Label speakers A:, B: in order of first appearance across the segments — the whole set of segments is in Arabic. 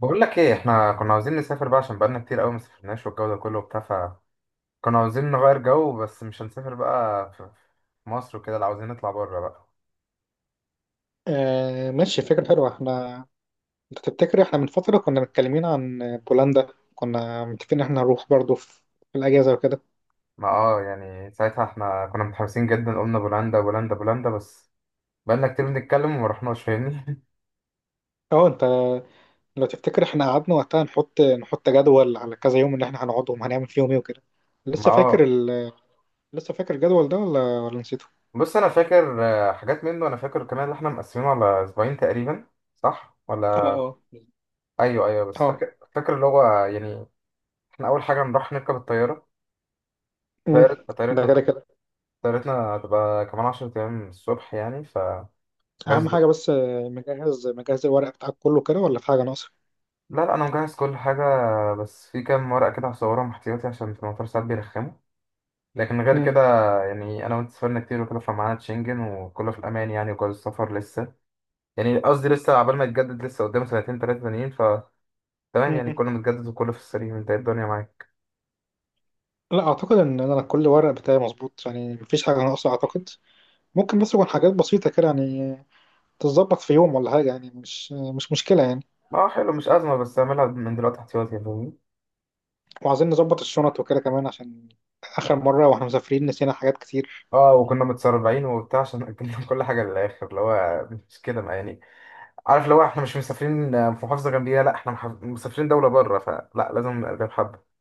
A: بقول لك ايه احنا كنا عاوزين نسافر بقى عشان بقالنا كتير قوي ما سافرناش والجو ده كله وبتاع فكنا عاوزين نغير جو بس مش هنسافر بقى في مصر وكده لا عاوزين نطلع بره بقى.
B: آه، ماشي، فكرة حلوة. انت تفتكر احنا من فترة كنا متكلمين عن بولندا، كنا متفقين ان احنا نروح برضو في الأجازة وكده.
A: ما اه يعني ساعتها احنا كنا متحمسين جدا قلنا بولندا بولندا بولندا بس بقالنا كتير بنتكلم وما رحناش فاهمني.
B: اه، انت لو تفتكر احنا قعدنا وقتها نحط جدول على كذا يوم اللي احنا هنقعدهم، هنعمل فيهم ايه وكده.
A: ما
B: لسه فاكر
A: اه
B: لسه فاكر الجدول ده ولا نسيته؟
A: بص انا فاكر حاجات منه انا فاكر كمان اللي احنا مقسمينه على اسبوعين تقريبا، صح
B: اه،
A: ولا؟
B: اه،
A: ايوه ايوه بس
B: اه.
A: فاكر اللي هو يعني احنا اول حاجه نروح نركب الطياره.
B: مم. ده
A: طيارة
B: كده كده،
A: طيارتنا هتبقى كمان 10 أيام الصبح يعني فجاهز.
B: أهم حاجة بس. مجهز الورق بتاعك كله كده ولا في حاجة ناقصة؟
A: لا لا، أنا مجهز كل حاجة بس في كام ورقة كده هصورهم احتياطي عشان في المطار ساعات بيرخموا، لكن غير
B: مم.
A: كده يعني أنا وأنت سافرنا كتير وكده فمعانا شنجن وكله في الأمان يعني. وجواز السفر لسه يعني قصدي لسه عبال ما يتجدد، لسه قدامه سنتين تلاتة تانيين فتمام. يعني
B: مم.
A: كله متجدد وكله في السليم، أنت إيه الدنيا معاك؟
B: لا، أعتقد إن أنا كل ورق بتاعي مظبوط، يعني مفيش حاجة ناقصة أعتقد. ممكن بس يكون حاجات بسيطة كده، يعني تتظبط في يوم ولا حاجة، يعني مش مشكلة يعني.
A: اه حلو، مش أزمة بس أعملها من دلوقتي احتياطي فاهمني.
B: وعايزين نظبط الشنط وكده كمان، عشان آخر مرة واحنا مسافرين نسينا حاجات كتير.
A: اه وكنا متسربعين وبتاع عشان أجلنا كل حاجة للآخر اللي هو مش كده، ما يعني عارف لو احنا مش مسافرين في محافظه جنبيها، لا احنا مسافرين دوله بره فلا لازم نبقى قلبها بحبه.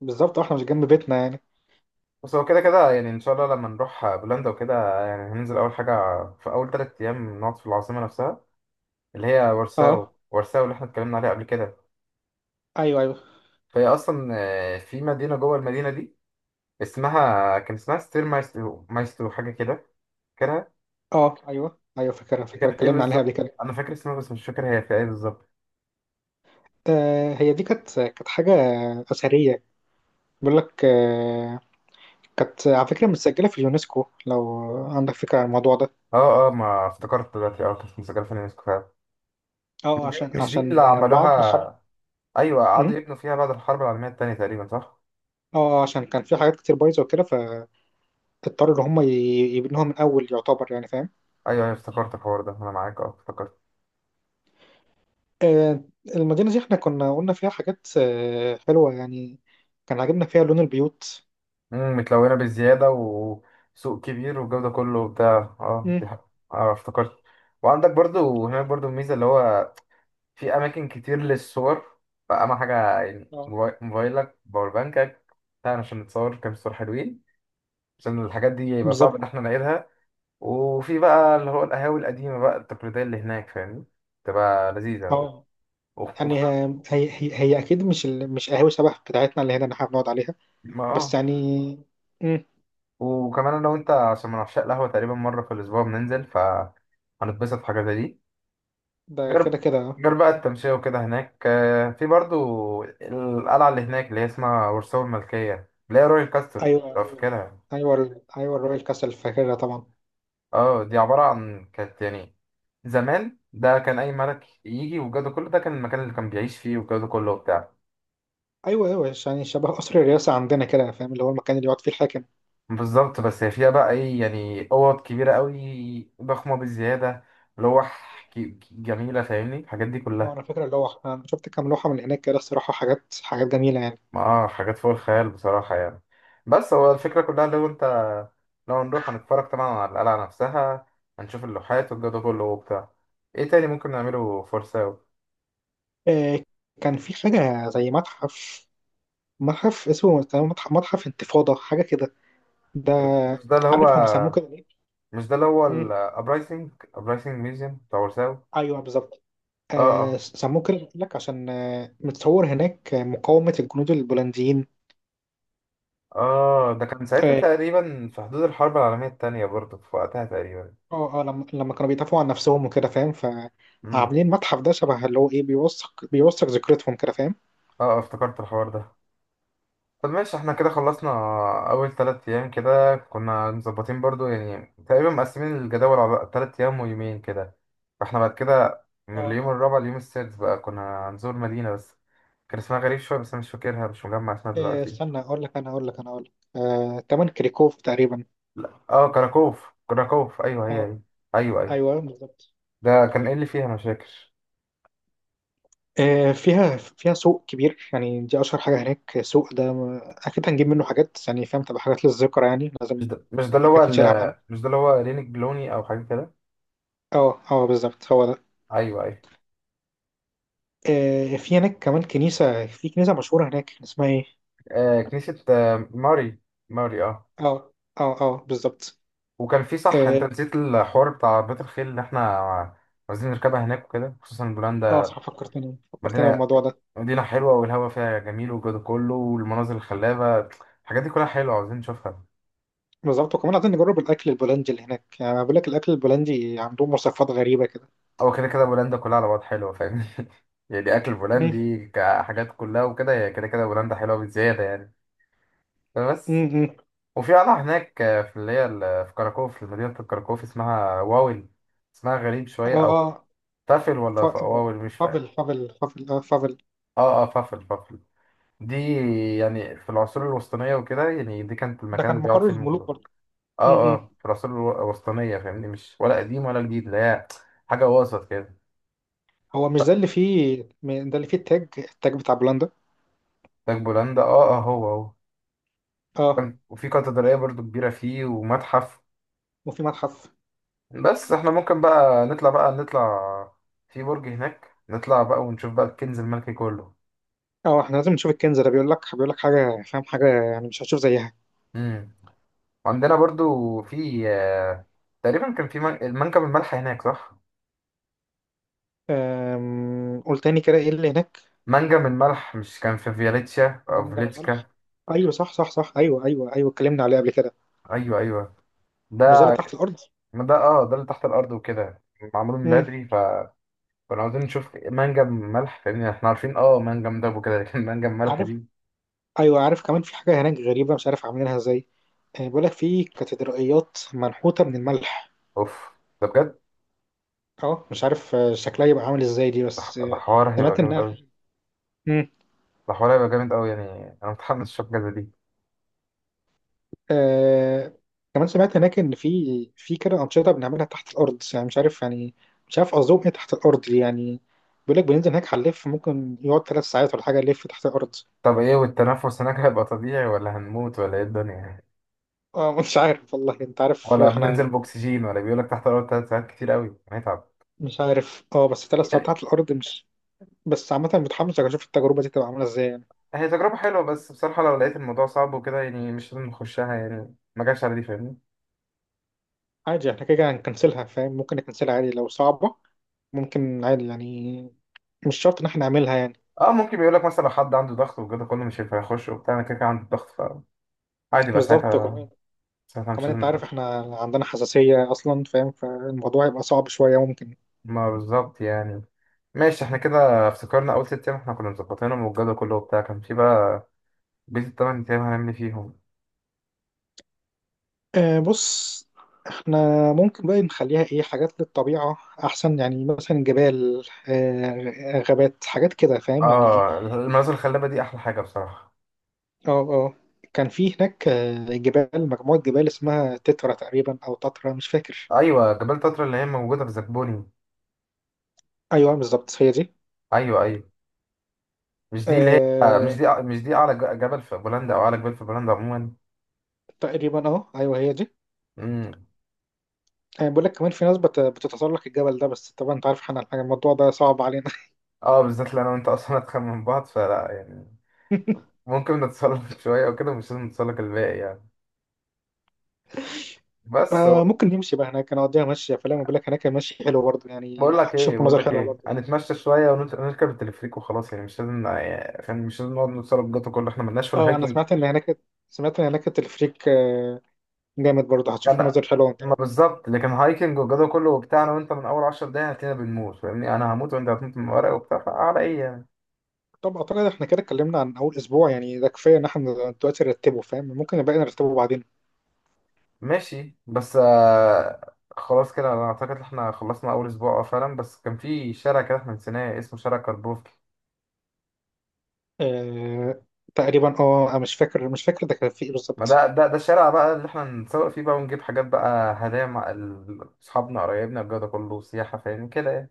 B: بالظبط، واحنا مش جنب بيتنا يعني.
A: بس هو كده كده يعني ان شاء الله لما نروح بولندا وكده يعني هننزل اول حاجه في اول 3 ايام نقعد في العاصمه نفسها اللي هي وارساو.
B: اه،
A: وارساو اللي احنا اتكلمنا عليها قبل كده
B: ايوه، ايوه.
A: فهي اصلا في مدينه جوه المدينه دي اسمها، كان اسمها ستير مايسترو، مايسترو حاجه كده، فاكرها؟
B: اه، ايوه، ايوه، فاكرها
A: دي
B: فاكرها،
A: كانت ايه
B: اتكلمنا عليها قبل
A: بالظبط؟
B: كده.
A: انا فاكر اسمها بس مش فاكر هي في ايه بالظبط.
B: آه، هي دي كانت حاجة أثرية. بيقول لك، كانت على فكرة متسجلة في اليونسكو، لو عندك فكرة عن الموضوع ده.
A: اه اه، ما افتكرت دلوقتي. اه كانت مسجله في اليونسكو فعلا. مش
B: اه،
A: دي،
B: عشان عشان
A: اللي
B: بعد الحرب.
A: عملوها. ايوه
B: م?
A: قعدوا يبنوا فيها بعد الحرب العالميه الثانيه تقريبا، صح؟
B: اه، عشان كان في حاجات كتير بايظة وكده، تضطر ان هم يبنوها من اول يعتبر، يعني فاهم.
A: ايوه ايوه افتكرت الحوار ده، انا معاك اه افتكرت.
B: آه، المدينه دي احنا كنا قلنا فيها حاجات حلوه يعني. كان عاجبنا فيها لون البيوت.
A: متلونه بزياده وسوق كبير والجو ده كله وبتاع. اه
B: مم.
A: دي حق، اه افتكرت. وعندك برضو هناك برضو الميزه اللي هو في اماكن كتير للصور، فاهم حاجه يعني؟
B: اه،
A: موبايلك، باور بانكك، بتاع عشان نتصور كام صور حلوين، عشان الحاجات دي يبقى صعب ان
B: بالظبط.
A: احنا نعيدها. وفي بقى اللي هو القهاوي القديمه بقى التقليديه اللي هناك فاهمني، تبقى لذيذه.
B: اه، يعني
A: وخصوصا
B: هي اكيد مش مش قهوه شبه بتاعتنا اللي هنا اللي احنا بنقعد عليها.
A: ما
B: بس
A: اه
B: يعني. مم.
A: وكمان انا وانت عشان من عشاق القهوه، تقريبا مره في الاسبوع بننزل فهنتبسط في حاجه زي دي.
B: ده كده
A: غير
B: كده.
A: غير بقى التمشيه وكده هناك. في برضو القلعه اللي هناك اللي هي اسمها ورسوم الملكيه، اللي هي رويال كاستر
B: ايوه،
A: لو
B: ايوه،
A: فاكرها.
B: ايوه، ايوه الرويال كاسل، فاكرها طبعا.
A: اه دي عباره عن كانت يعني زمان، ده كان اي ملك يجي والجو ده كله، ده كان المكان اللي كان بيعيش فيه والجو ده كله وبتاع.
B: ايوه، ايوه، يعني شبه قصر الرئاسه عندنا كده، فاهم؟ اللي هو المكان اللي يقعد فيه الحاكم.
A: بالظبط. بس هي فيها بقى ايه يعني، اوض كبيره قوي، ضخمه بزياده، لوح جميله فاهمني، الحاجات دي
B: اه،
A: كلها.
B: انا فاكر اللوحة، انا شفت كام لوحة من هناك كده الصراحة، حاجات حاجات جميلة يعني.
A: اه حاجات فوق الخيال بصراحة يعني. بس هو الفكرة كلها، لو انت لو هنروح هنتفرج طبعا على القلعة نفسها، هنشوف اللوحات والجو ده كله وبتاع. ايه تاني ممكن نعمله فرساو؟
B: آه، كان في حاجة زي متحف اسمه تقريباً متحف انتفاضة، حاجة كده. ده
A: مش ده اللي هو،
B: عارف هم سموه كده ليه؟
A: مش ده اللي هو
B: مم.
A: الابرايزنج، ابرايزنج ميوزيوم بتاع ورساو.
B: ايوه، بالظبط.
A: اه اه.
B: سموه كده قلت لك عشان متصور هناك مقاومة الجنود البولنديين.
A: اه ده كان ساعتها
B: اه،
A: تقريبا في حدود الحرب العالمية التانية برضه، في وقتها تقريبا.
B: اه. لما كانوا بيدافعوا عن نفسهم وكده، فاهم.
A: امم.
B: فعاملين المتحف ده شبه اللي هو ايه، بيوثق ذكرتهم كده،
A: اه افتكرت الحوار ده. طب ماشي احنا كده خلصنا اول 3 ايام كده، كنا مظبطين برضو يعني تقريبا مقسمين الجدول على 3 ايام ويومين كده. فاحنا بعد كده من
B: فاهم.
A: اليوم الرابع لليوم السادس بقى كنا هنزور مدينة بس كان اسمها غريب شوية، بس انا مش فاكرها، مش مجمع اسمها
B: إيه،
A: دلوقتي.
B: استنى اقول لك، انا اقول لك انا اقول لك آه، تمن كريكوف تقريبا.
A: لا اه كراكوف، كراكوف ايوه هي
B: اه،
A: هي. ايوه ايوه.
B: ايوه، بالظبط.
A: ده كان ايه اللي فيها؟ انا مش فاكر.
B: فيها سوق كبير يعني، دي اشهر حاجه هناك، السوق ده اكيد هنجيب منه حاجات، يعني فاهم، تبقى حاجات للذكرى يعني
A: مش
B: لازم.
A: ده، اللي هو
B: حاجات نشيلها معانا.
A: مش ده اللي هو رينيك بلوني او حاجة كده.
B: اه، اه، بالظبط هو ده.
A: ايوه ايوه.
B: في هناك كمان في كنيسه مشهوره هناك، اسمها ايه.
A: آه كنيسة آه ماري، ماري اه.
B: اه، اه، اه، بالظبط.
A: وكان في، صح انت
B: اه،
A: نسيت الحوار بتاع بيت الخيل اللي احنا عايزين نركبها هناك وكده، خصوصا بولندا.
B: صح، فكرتني فكرتني
A: مدينة،
B: بالموضوع ده.
A: مدينة حلوة والهواء فيها جميل والجو ده كله والمناظر الخلابة، الحاجات دي كلها حلوة عاوزين نشوفها.
B: بالظبط، وكمان عايزين نجرب الاكل البولندي اللي هناك، يعني بقول لك الاكل البولندي عندهم وصفات غريبه كده.
A: او كده كده بولندا كلها على بعض حلوة فاهمني. يعني اكل بولندي كحاجات كلها وكده، هي كده كده بولندا حلوة بزيادة يعني. فبس.
B: امم.
A: وفي قلعة هناك في اللي هي في كراكوف، في مدينة كراكوف اسمها واول، اسمها غريب شوية،
B: اه،
A: او
B: اه،
A: فافل
B: ف-
A: ولا واول مش فاهم.
B: فافل فافل فافل، فافل.
A: اه اه فافل فافل. دي يعني في العصور الوسطانية وكده يعني دي كانت
B: ده
A: المكان
B: كان
A: اللي بيقعد
B: مقرر
A: فيه
B: الملوك
A: المقدار.
B: برضه.
A: اه اه،
B: امم.
A: في العصور الوسطانية فاهمني، مش ولا قديم ولا جديد، اللي هي حاجة وسط كده.
B: هو مش ده اللي فيه، ده اللي فيه التاج بتاع بولندا.
A: تاج بولندا اه اه هو هو.
B: اه،
A: وفي كاتدرائية برضو كبيرة فيه ومتحف.
B: وفي متحف.
A: بس احنا ممكن بقى نطلع، بقى نطلع في برج هناك نطلع بقى ونشوف بقى الكنز الملكي كله.
B: اه، احنا لازم نشوف الكنز ده، بيقول لك حاجه، فاهم، حاجه يعني مش هتشوف زيها.
A: امم. عندنا برضو في تقريبا كان في منجم الملح هناك، صح؟
B: قول تاني كده، ايه اللي هناك.
A: منجم الملح، مش كان في فياليتشا او
B: منجم
A: فيليتشكا؟
B: الملح. ايوه، صح، صح، صح، ايوه، ايوه، ايوه، اتكلمنا عليه قبل كده.
A: ايوه ايوه.
B: مش ده اللي
A: ده
B: تحت الارض.
A: ما ده اه، ده اللي تحت الارض وكده، معمول من
B: امم.
A: بدري فكنا عاوزين نشوف منجم ملح فاهمني، احنا عارفين اه منجم دب وكده لكن منجم ملح
B: عارف.
A: دي.
B: ايوه، عارف. كمان في حاجه هناك غريبه، مش عارف عاملينها ازاي. بيقول لك في كاتدرائيات منحوته من الملح.
A: اوف ده بجد.
B: اه، مش عارف شكلها يبقى عامل ازاي دي،
A: ده
B: بس
A: ده حوار هيبقى
B: سمعت
A: جامد
B: انها.
A: قوي.
B: مم.
A: ده حوار هيبقى جامد قوي يعني، انا متحمس اشوف الجازة دي.
B: آه كمان سمعت هناك ان في كده انشطه بنعملها تحت الارض، يعني مش عارف يعني. مش عارف قصدهم ايه تحت الارض دي يعني. بيقول لك بننزل هناك هنلف، ممكن يقعد 3 ساعات ولا حاجه، نلف تحت الارض.
A: طب ايه، والتنفس هناك هيبقى طبيعي ولا هنموت ولا ايه الدنيا؟
B: اه، مش عارف والله، انت عارف
A: ولا بننزل
B: احنا.
A: باكسجين؟ ولا بيقولك تحت الارض 3 ساعات كتير قوي هنتعب
B: مش عارف، اه، بس 3 ساعات
A: يعني.
B: تحت الارض مش. بس عامه متحمس اشوف التجربه دي تبقى عامله ازاي يعني.
A: هي تجربة حلوة بس بصراحة لو لقيت الموضوع صعب وكده يعني مش لازم نخشها، يعني ما جاش على دي فاهمني.
B: عادي، احنا كده كده هنكنسلها، فاهم، ممكن نكنسلها عادي لو صعبه. ممكن عادي يعني، مش شرط ان احنا نعملها يعني.
A: اه ممكن، بيقول لك مثلا لو حد عنده ضغط وكده كله مش هينفع يخش وبتاع، انا كده كده عندي الضغط فعادي بقى
B: بالظبط،
A: ساعتها،
B: وكمان
A: ساعتها مش
B: كمان
A: لازم
B: انت عارف
A: نخش.
B: احنا عندنا حساسية اصلا، فاهم، فالموضوع يبقى صعب شوية ممكن.
A: ما بالظبط يعني. ماشي احنا كده افتكرنا اول 6 ايام احنا كنا مظبطينهم والجدول كله وبتاع، كان في بقى بيت التمن ايام هنعمل إيه فيهم.
B: اه، بص، احنا ممكن بقى نخليها ايه، حاجات للطبيعة احسن، يعني مثلا جبال اه غابات، حاجات كده، فاهم يعني إيه؟
A: اه المناظر الخلابه دي احلى حاجه بصراحه.
B: اه، اه، كان في هناك مجموعة جبال اسمها تترا تقريبا او تترا، مش فاكر.
A: ايوه جبال تترا اللي هي موجوده في زبوني.
B: ايوه، بالظبط، هي دي.
A: ايوه ايوه. مش دي اللي هي مش
B: اه،
A: دي، اعلى جبل في بولندا او اعلى جبال في بولندا عموما؟
B: تقريبا، ايوه، هي دي.
A: امم.
B: بقول لك كمان في ناس بتتسلق الجبل ده، بس طبعا انت عارف احنا الموضوع ده صعب علينا.
A: اه بالذات اللي انا وانت اصلا اتخن من بعض فلا يعني، ممكن نتسلق شوية أو كده، مش لازم نتسلق الباقي يعني. بس هو-
B: آه، ممكن نمشي بقى هناك نقضيها مشي، فلا ما بقول لك هناك المشي حلو برضه، يعني
A: بقول لك إيه،
B: هتشوف
A: بقول
B: مناظر
A: لك
B: حلوه
A: إيه،
B: برضه.
A: هنتمشى شوية ونركب التلفريك وخلاص يعني مش لازم يعني فاهم؟ مش لازم نقعد نتسلق جدا كله، إحنا ملناش في
B: اه، انا
A: الهايكنج.
B: سمعت ان هناك التلفريك جامد برضه، هتشوف
A: أنا
B: مناظر حلوه وانت
A: ما
B: راجع.
A: بالظبط، لكن هايكنج والجو كله وبتاع أنا وأنت من أول 10 دقايق هتلاقينا بنموت فاهمني، أنا هموت وأنت هتموت من ورق وبتاع، فعلى إيه يعني.
B: طب، اعتقد احنا كده اتكلمنا عن اول اسبوع، يعني ده كفايه ان احنا دلوقتي نرتبه، فاهم، ممكن الباقي نرتبه بعدين.
A: ماشي بس آه خلاص كده أنا أعتقد إن إحنا خلصنا أول أسبوع آه فعلا، بس كان في شارع كده إحنا نسيناه اسمه شارع كاربوف.
B: آه، تقريبا، أنا مش فاكر ده كان في ايه
A: ما
B: بالظبط.
A: ده الشارع بقى اللي احنا نسوق فيه بقى ونجيب حاجات بقى هدايا مع اصحابنا قرايبنا، الجو ده كله سياحة فاهم كده يعني.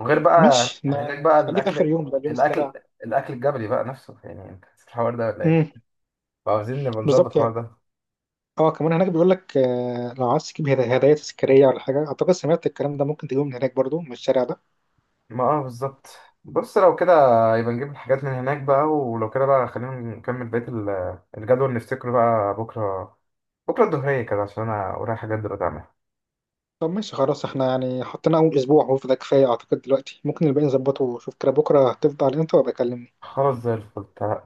A: وغير بقى
B: ماشي،
A: هناك بقى
B: خليه في
A: الاكل،
B: اخر يوم بقى، اليوم
A: الاكل،
B: السابع.
A: الاكل الجبلي بقى نفسه، يعني انت نسيت الحوار ده ولا ايه؟
B: امم.
A: فعاوزين نبقى نظبط
B: بالظبط.
A: الحوار ده.
B: اه، كمان هناك بيقول لك، لو عايز تجيب هدايا تذكاريه ولا حاجه، اعتقد سمعت الكلام ده، ممكن تجيبه من هناك برضه، من الشارع ده.
A: ما اه بالظبط. بص لو كده يبقى نجيب الحاجات من هناك بقى. ولو كده بقى خلينا نكمل بقية الجدول نفتكره بقى بكرة، بكرة الظهرية كده عشان انا ورايا حاجات دلوقتي اعملها.
B: طب، ماشي، خلاص، احنا يعني حطينا اول اسبوع، هو فده كفايه اعتقد دلوقتي، ممكن الباقي نظبطه. شوف كده بكره هتفضى على امتى وابقى اكلمني.
A: خلاص زي الفل.